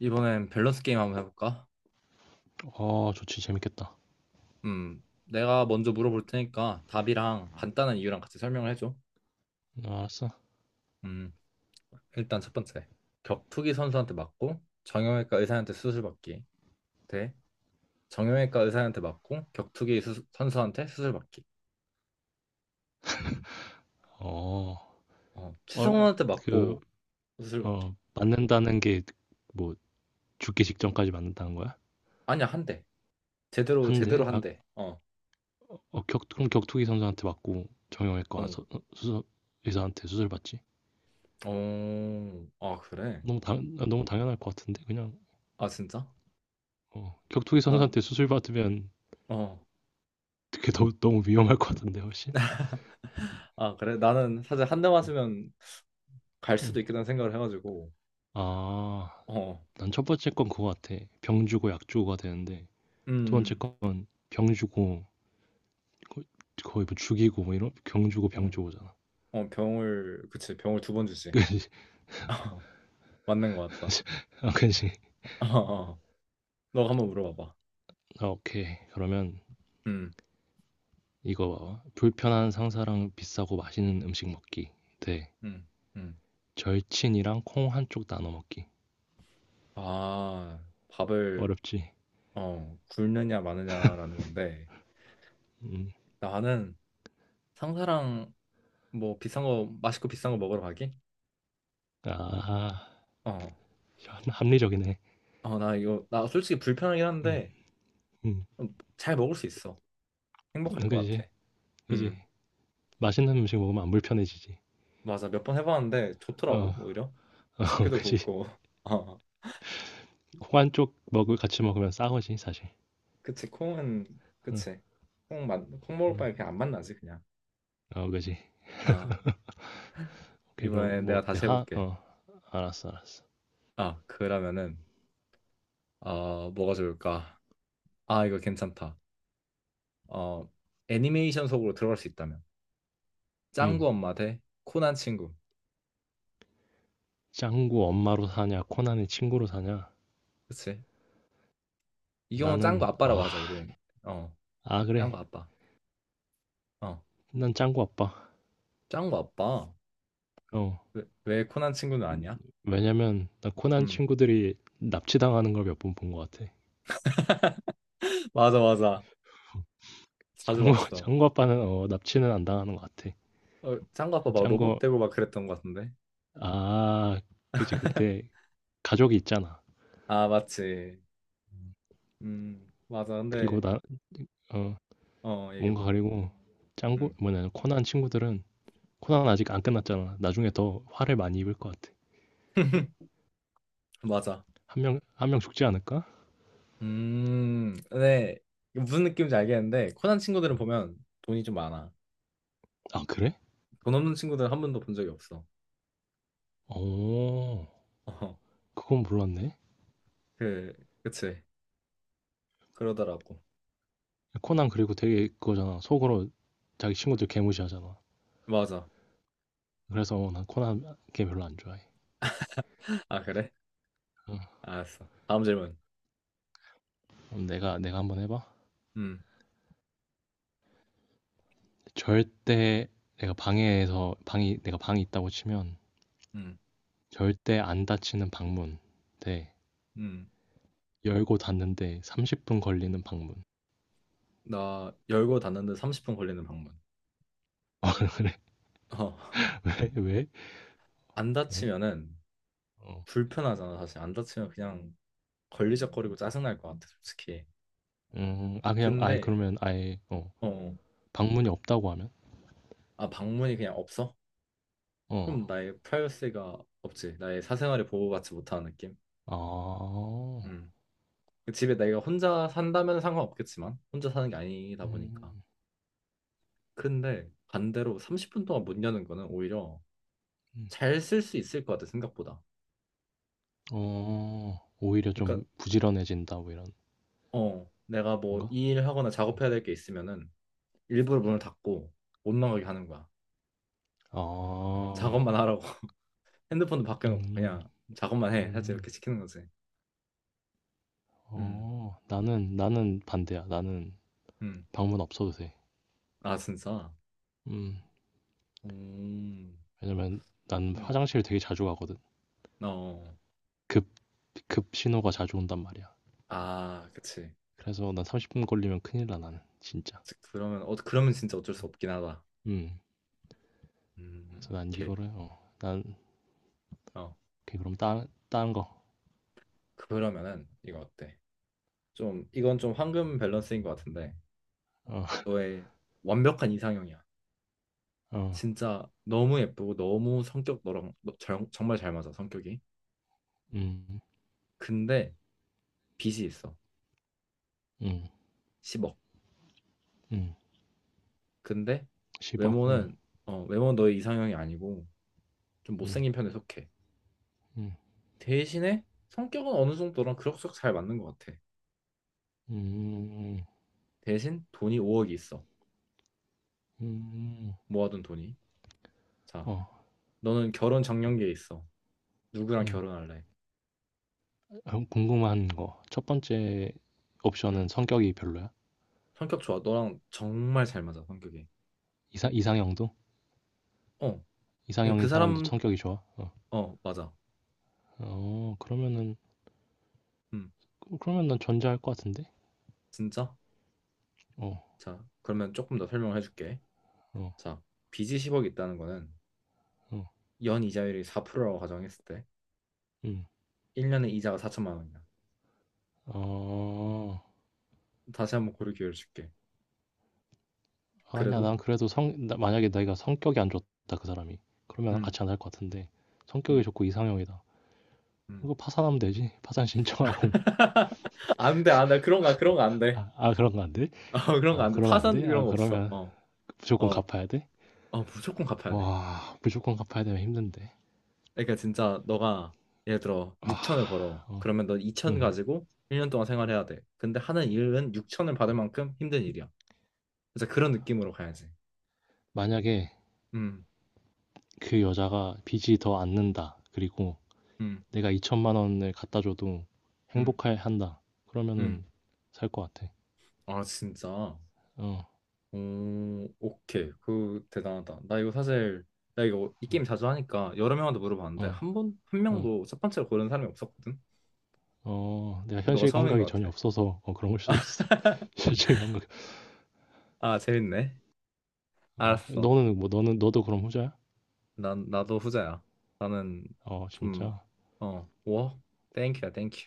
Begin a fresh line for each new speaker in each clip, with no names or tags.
이번엔 밸런스 게임 한번 해볼까?
어, 좋지, 재밌겠다.
내가 먼저 물어볼 테니까 답이랑 간단한 이유랑 같이 설명을 해줘.
어, 알았어.
음, 일단 첫 번째. 격투기 선수한테 맞고 정형외과 의사한테 수술받기. 대 정형외과 의사한테 맞고 격투기 선수한테 수술받기.
어, 어,
최성원한테
그,
맞고 수술받기.
맞는다는 게, 뭐, 죽기 직전까지 맞는다는 거야?
아니야, 한 대. 제대로
한대?
한
아,
대. 어,
그럼 격투기 선수한테 맞고,
어,
정형외과 의사한테 수술 받지?
어, 아, 그래?
너무 당연할 것 같은데, 그냥.
아, 진짜?
격투기
난,
선수한테 수술 받으면,
어.
그게 너무 위험할 것 같은데, 훨씬?
아, 그래? 나는 사실 한 대
응.
맞으면 갈
응.
수도 있겠다는 생각을 해가지고
아,
어.
난 첫 번째 건 그거 같아. 병 주고 약 주고가 되는데, 두 번째
음,
건 병 주고 거의, 거의 뭐 죽이고 뭐 이런 경 주고 병
어,
주고잖아.
어, 병을, 그치, 병을 두 번 주지. 맞는 것 같다.
아, 그지.
어, 어. 너가 한번 물어봐봐.
아, 오케이. 그러면
음,
이거 봐봐. 불편한 상사랑 비싸고 맛있는 음식 먹기 대
음, 음.
절친이랑 콩 한쪽 나눠 먹기.
아, 밥을
어렵지.
굶느냐 마느냐라는 건데,
음.
나는 상사랑 뭐 비싼 거, 맛있고 비싼 거 먹으러 가기?
아,
어,
합리적이네.
어, 나 이거, 나 솔직히 불편하긴
음.
한데
음.
잘 먹을 수 있어. 행복할 것 같아.
그지. 그지.
음.
맛있는 음식 먹으면 안 불편해지지.
맞아, 몇 번 해봤는데 좋더라고
어.
오히려.
어,
식비도
그지.
붓고. 어,
콩 한쪽 먹을 같이 먹으면 싸거지 사실.
그치 콩은,
어,
그치, 콩만콩 먹을
음.
바에 그냥 안 만나지, 그냥.
어, 그지.
아,
오케이, 그럼
이번에
뭐
내가 다시
내가 하-
해볼게.
어 알았어, 알았어.
아, 그러면은 뭐가 좋을까. 아, 이거 괜찮다. 어, 애니메이션 속으로 들어갈 수 있다면 짱구
음.
엄마 대 코난 친구.
짱구 엄마로 사냐, 코난의 친구로 사냐?
그치, 이 경우 는 짱구
나는,
아빠라고
아,
하자, 우리는. 어, 짱구
그래.
아빠. 어,
난 짱구 아빠.
짱구 아빠.
어.
왜, 왜 코난 친구는 아니야?
왜냐면 나 코난
음.
친구들이 납치당하는 걸 몇 번 본 것 같아.
맞아, 맞아. 자주
짱구,
봤어.
짱구 아빠는, 납치는 안 당하는 것 같아.
어, 짱구 아빠 막 로봇
짱구,
되고 막 그랬던 것 같은데.
아, 그지. 근데 가족이 있잖아.
아, 맞지. 맞아.
그리고
근데,
나, 어,
어,
뭔가
얘기해봐.
그리고,
음,
코난 친구들은, 코난 아직 안 끝났잖아. 나중에 더 화를 많이 입을 것 같아.
맞아.
한 명, 한 명 죽지 않을까?
근데 이 무슨 느낌인지 알겠는데, 코난 친구들은 보면 돈이 좀 많아.
아, 그래?
돈 없는 친구들은 한 번도 본 적이 없어.
어,
어,
그건 몰랐네.
그, 그치. 그러더라고.
코난 그리고 되게 그거잖아. 속으로 자기 친구들
음,
개무시하잖아.
맞아.
그래서 난 코난 게임 별로 안 좋아해.
아, 그래?
어,
알았어. 다음 질문.
그럼 내가 한번 해봐.
음,
절대 내가 방에서 방이 내가 방이 있다고 치면
음,
절대 안 닫히는 방문 대
음.
열고 닫는데 30분 걸리는 방문.
나 열고 닫는데 30분 걸리는 방문. 어,
그래, 왜? 왜?
안
왜?
다치면은
어.
불편하잖아, 사실. 안 다치면 그냥 걸리적거리고 짜증날 것 같아, 솔직히.
아, 그냥 아예
근데
그러면 아예 어
어,
방문이 없다고 하면.
아, 방문이 그냥 없어?
어.
그럼 나의 프라이버시가 없지. 나의 사생활이 보호받지 못하는 느낌.
아.
음. 집에 내가 혼자 산다면 상관없겠지만 혼자 사는 게 아니다
음.
보니까. 근데 반대로 30분 동안 못 여는 거는 오히려
음.
잘 쓸 수 있을 것 같아, 생각보다.
어. 오히려 좀
그러니까
부지런해진다, 뭐 이런
어, 내가 뭐
건가?
일 하거나 작업해야 될 게 있으면은 일부러 문을 닫고 못 나가게 하는 거야. 어,
아.
작업만 하라고. 핸드폰도 밖에 놓고
음.
그냥 작업만 해. 사실
음.
이렇게 시키는 거지. 음,
어. 나는 반대야. 나는
음.
방문 없어도 돼.
아, 진짜?
음.
음,
왜냐면 난
음.
화장실 되게 자주 가거든.
어.
급, 급 신호가 자주 온단 말이야.
아, 그치.
그래서 난 30분 걸리면 큰일 나, 나는. 진짜.
즉, 그러면, 어, 그러면 진짜 어쩔 수 없긴 하다.
음. 그래서 난
오케이. 어,
오케이, 그럼 딴 거.
그러면은, 이거 어때? 좀, 이건 좀 황금 밸런스인 것 같은데,
어,
너의 완벽한 이상형이야.
어.
진짜 너무 예쁘고, 너무 성격 너랑 너, 정, 정말 잘 맞아, 성격이.
음,
근데, 빚이 있어.
음,
10억.
음.
근데,
10억.
외모는, 어, 외모는 너의 이상형이 아니고, 좀
음,
못생긴 편에 속해.
음,
대신에 성격은 어느 정도랑 그럭저럭 잘 맞는 것 같아.
음, 음,
대신 돈이 5억이 있어.
음,
모아둔 돈이. 자,
어,
너는 결혼 작년기에 있어. 누구랑 결혼할래?
궁금한 거. 첫 번째
응.
옵션은 성격이 별로야?
성격 좋아. 너랑 정말 잘 맞아, 성격이.
이상형도?
어. 그러니까 그
이상형인 사람도
사람,
성격이 좋아? 어,
어, 맞아.
어, 그러면은,
응.
그러면 난 전자할 것 같은데?
진짜?
어,
자, 그러면 조금 더 설명을 해줄게.
어,
자, 빚이 10억 있다는 거는
어,
연 이자율이 4%라고 가정했을 때
음.
1년에 이자가 4천만 원이야.
어,
다시 한번 고를 기회를 줄게.
아니야.
그래도?
난 그래도 만약에 내가 성격이 안 좋다, 그 사람이. 그러면
음,
같이 안 할 것 같은데. 성격이
음,
좋고 이상형이다.
음.
이거 파산하면 되지. 파산 신청하고.
안 돼, 안 돼. 그런 거, 그런 거 안 돼.
그런 거 안 돼?
어, 그런 거
아,
안 돼.
그러면 안
파산
돼? 아,
그런 거 없어.
그러면
어,
무조건
어,
갚아야 돼?
어, 무조건 갚아야 돼.
와, 무조건 갚아야 되면 힘든데.
그러니까 진짜 너가 예를 들어 6천을 벌어. 그러면 너 2천
음.
가지고 1년 동안 생활해야 돼. 근데 하는 일은 6천을 받을 만큼 힘든 일이야. 그래서 그런 느낌으로 가야지.
만약에
음,
그 여자가 빚이 더 안는다. 그리고
음,
내가 2천만 원을 갖다 줘도
음,
행복해 한다.
음.
그러면은 살 것 같아.
아, 진짜.
어,
오, 오케이. 그 대단하다. 나 이거 사실 나 이거 이 게임 자주 하니까 여러 명한테 물어봤는데
어,
한 번, 한
어,
명도 첫 번째로 고르는 사람이 없었거든.
어. 내가
너가
현실
처음인
감각이
것
전혀
같아.
없어서 어, 그런 걸 수도 있어. 현실 감각.
아, 재밌네.
어,
알았어.
너는 뭐 너는 너도 그럼 후자야?
난, 나도 후자야. 나는
어,
좀,
진짜.
어, 워? 땡큐야, 땡큐.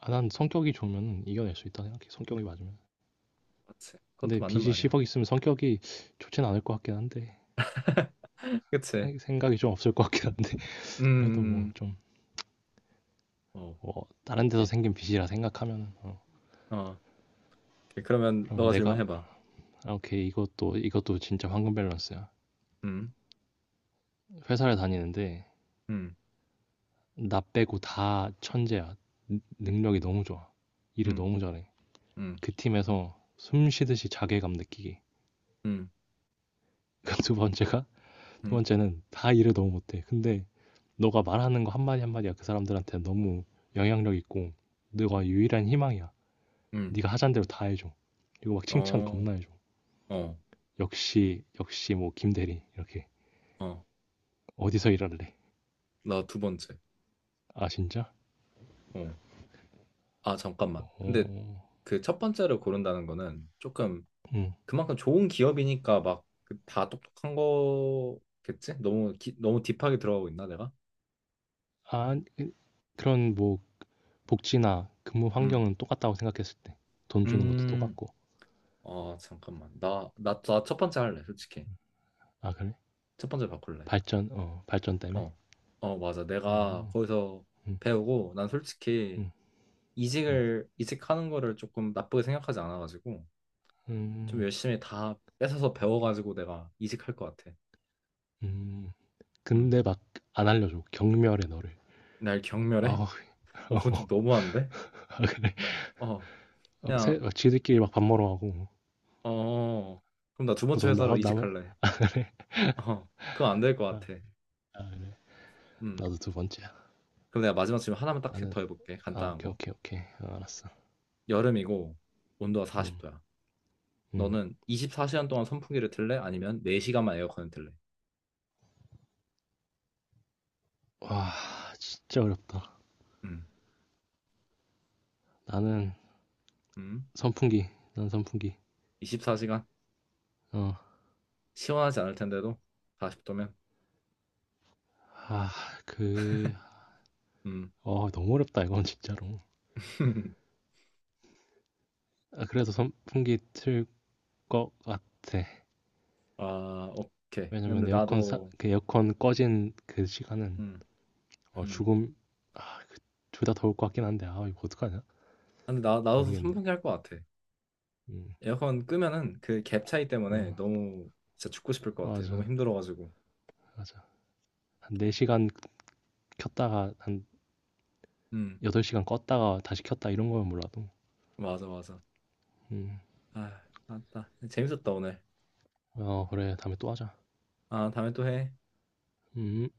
아, 난 성격이 좋으면 이겨낼 수 있다 생각해. 성격이 맞으면.
그지, 그것도
근데
맞는
빚이
말이야.
10억 있으면 성격이 좋진 않을 것 같긴 한데
그치?
생각이 좀 없을 것 같긴 한데.
음,
그래도
음,
뭐
음.
좀
어,
뭐 다른 데서
오케이.
생긴 빚이라 생각하면. 어,
어, 오케이. 그러면
그러면
너가
내가.
질문해봐.
아, 오케이. 이것도 이것도 진짜 황금 밸런스야.
음,
회사를 다니는데
음,
나 빼고 다 천재야. 능력이 너무 좋아. 일을
음,
너무 잘해.
음,
그 팀에서 숨 쉬듯이 자괴감 느끼기.
음,
그두 번째가 두
음,
번째는 다 일을 너무 못해. 근데 너가 말하는 거 한마디 한마디가 그 사람들한테 너무 영향력 있고 너가 유일한 희망이야.
음.
네가 하자는 대로 다 해줘. 그리고 막 칭찬
어,
겁나 해줘.
어,
역시 역시 뭐 김대리 이렇게.
어.
어디서 일할래?
나 두 번째.
아, 진짜?
어. 아, 잠깐만. 근데
어,
그 첫 번째를 고른다는 거는 조금
음.
그만큼 좋은 기업이니까 막 그 다 똑똑한 거겠지? 너무 기, 너무 딥하게 들어가고 있나 내가?
아, 그런 뭐 복지나 근무
음.
환경은 똑같다고 생각했을 때. 돈 주는 것도
음,
똑같고.
아, 잠깐만. 나, 나, 나 첫 번째 할래, 솔직히.
아, 그래?
첫 번째 바꿀래.
발전 때문에?
어, 어, 맞아. 내가
어,
거기서
음,
배우고, 난 솔직히
음, 음,
이직을, 이직하는 거를 조금 나쁘게 생각하지 않아가지고, 좀
음,
열심히 다 뺏어서 배워가지고 내가 이직할 것 같아.
음.
음,
근데 막 안 알려줘. 경멸해, 너를.
날 경멸해?
아우,
어, 그건 좀 너무한데?
아, 그래.
어,
어,
그냥,
지들끼리 막 밥 먹으러 가고.
어, 그럼 나 두
자꾸
번째
너 나,
회사로
나만.
이직할래. 어, 그건 안 될 것
아,
같아.
그래.
음,
나도 두 번째야.
그럼 내가 마지막 질문 하나만 딱
나는,
더 해볼게. 간단한
오케이,
거.
오케이, 오케이. 어, 알았어.
여름이고 온도가
음,
40도야.
음.
너는 24시간 동안 선풍기를 틀래? 아니면 4시간만 에어컨을 틀래?
와, 진짜 어렵다.
음,
나는
음.
선풍기. 난 선풍기.
24시간
어.
시원하지 않을 텐데도 40도면
아 그
음.
너무 어렵다, 이건 진짜로. 아, 그래도 선풍기 틀 것 같아.
아, 오케이.
왜냐면
근데 나도
에어컨 꺼진 그 시간은
음,
어
음.
죽음. 아, 둘 다 더울 것 같긴 한데. 아, 이거 어떡하냐?
근데 나, 나도
모르겠네.
선풍기 할 것 같아.
음.
에어컨 끄면은 그 갭 차이
어,
때문에 너무 진짜 죽고 싶을 것 같아. 너무
맞아.
힘들어가지고.
맞아. 한 4시간 시간 켰다가 한
음,
8시간 시간 껐다가 다시 켰다, 이런 거면 몰라도.
맞아, 맞아.
음.
아, 맞다. 재밌었다 오늘.
어, 그래, 다음에 또 하자.
아, 다음에 또 해.
음.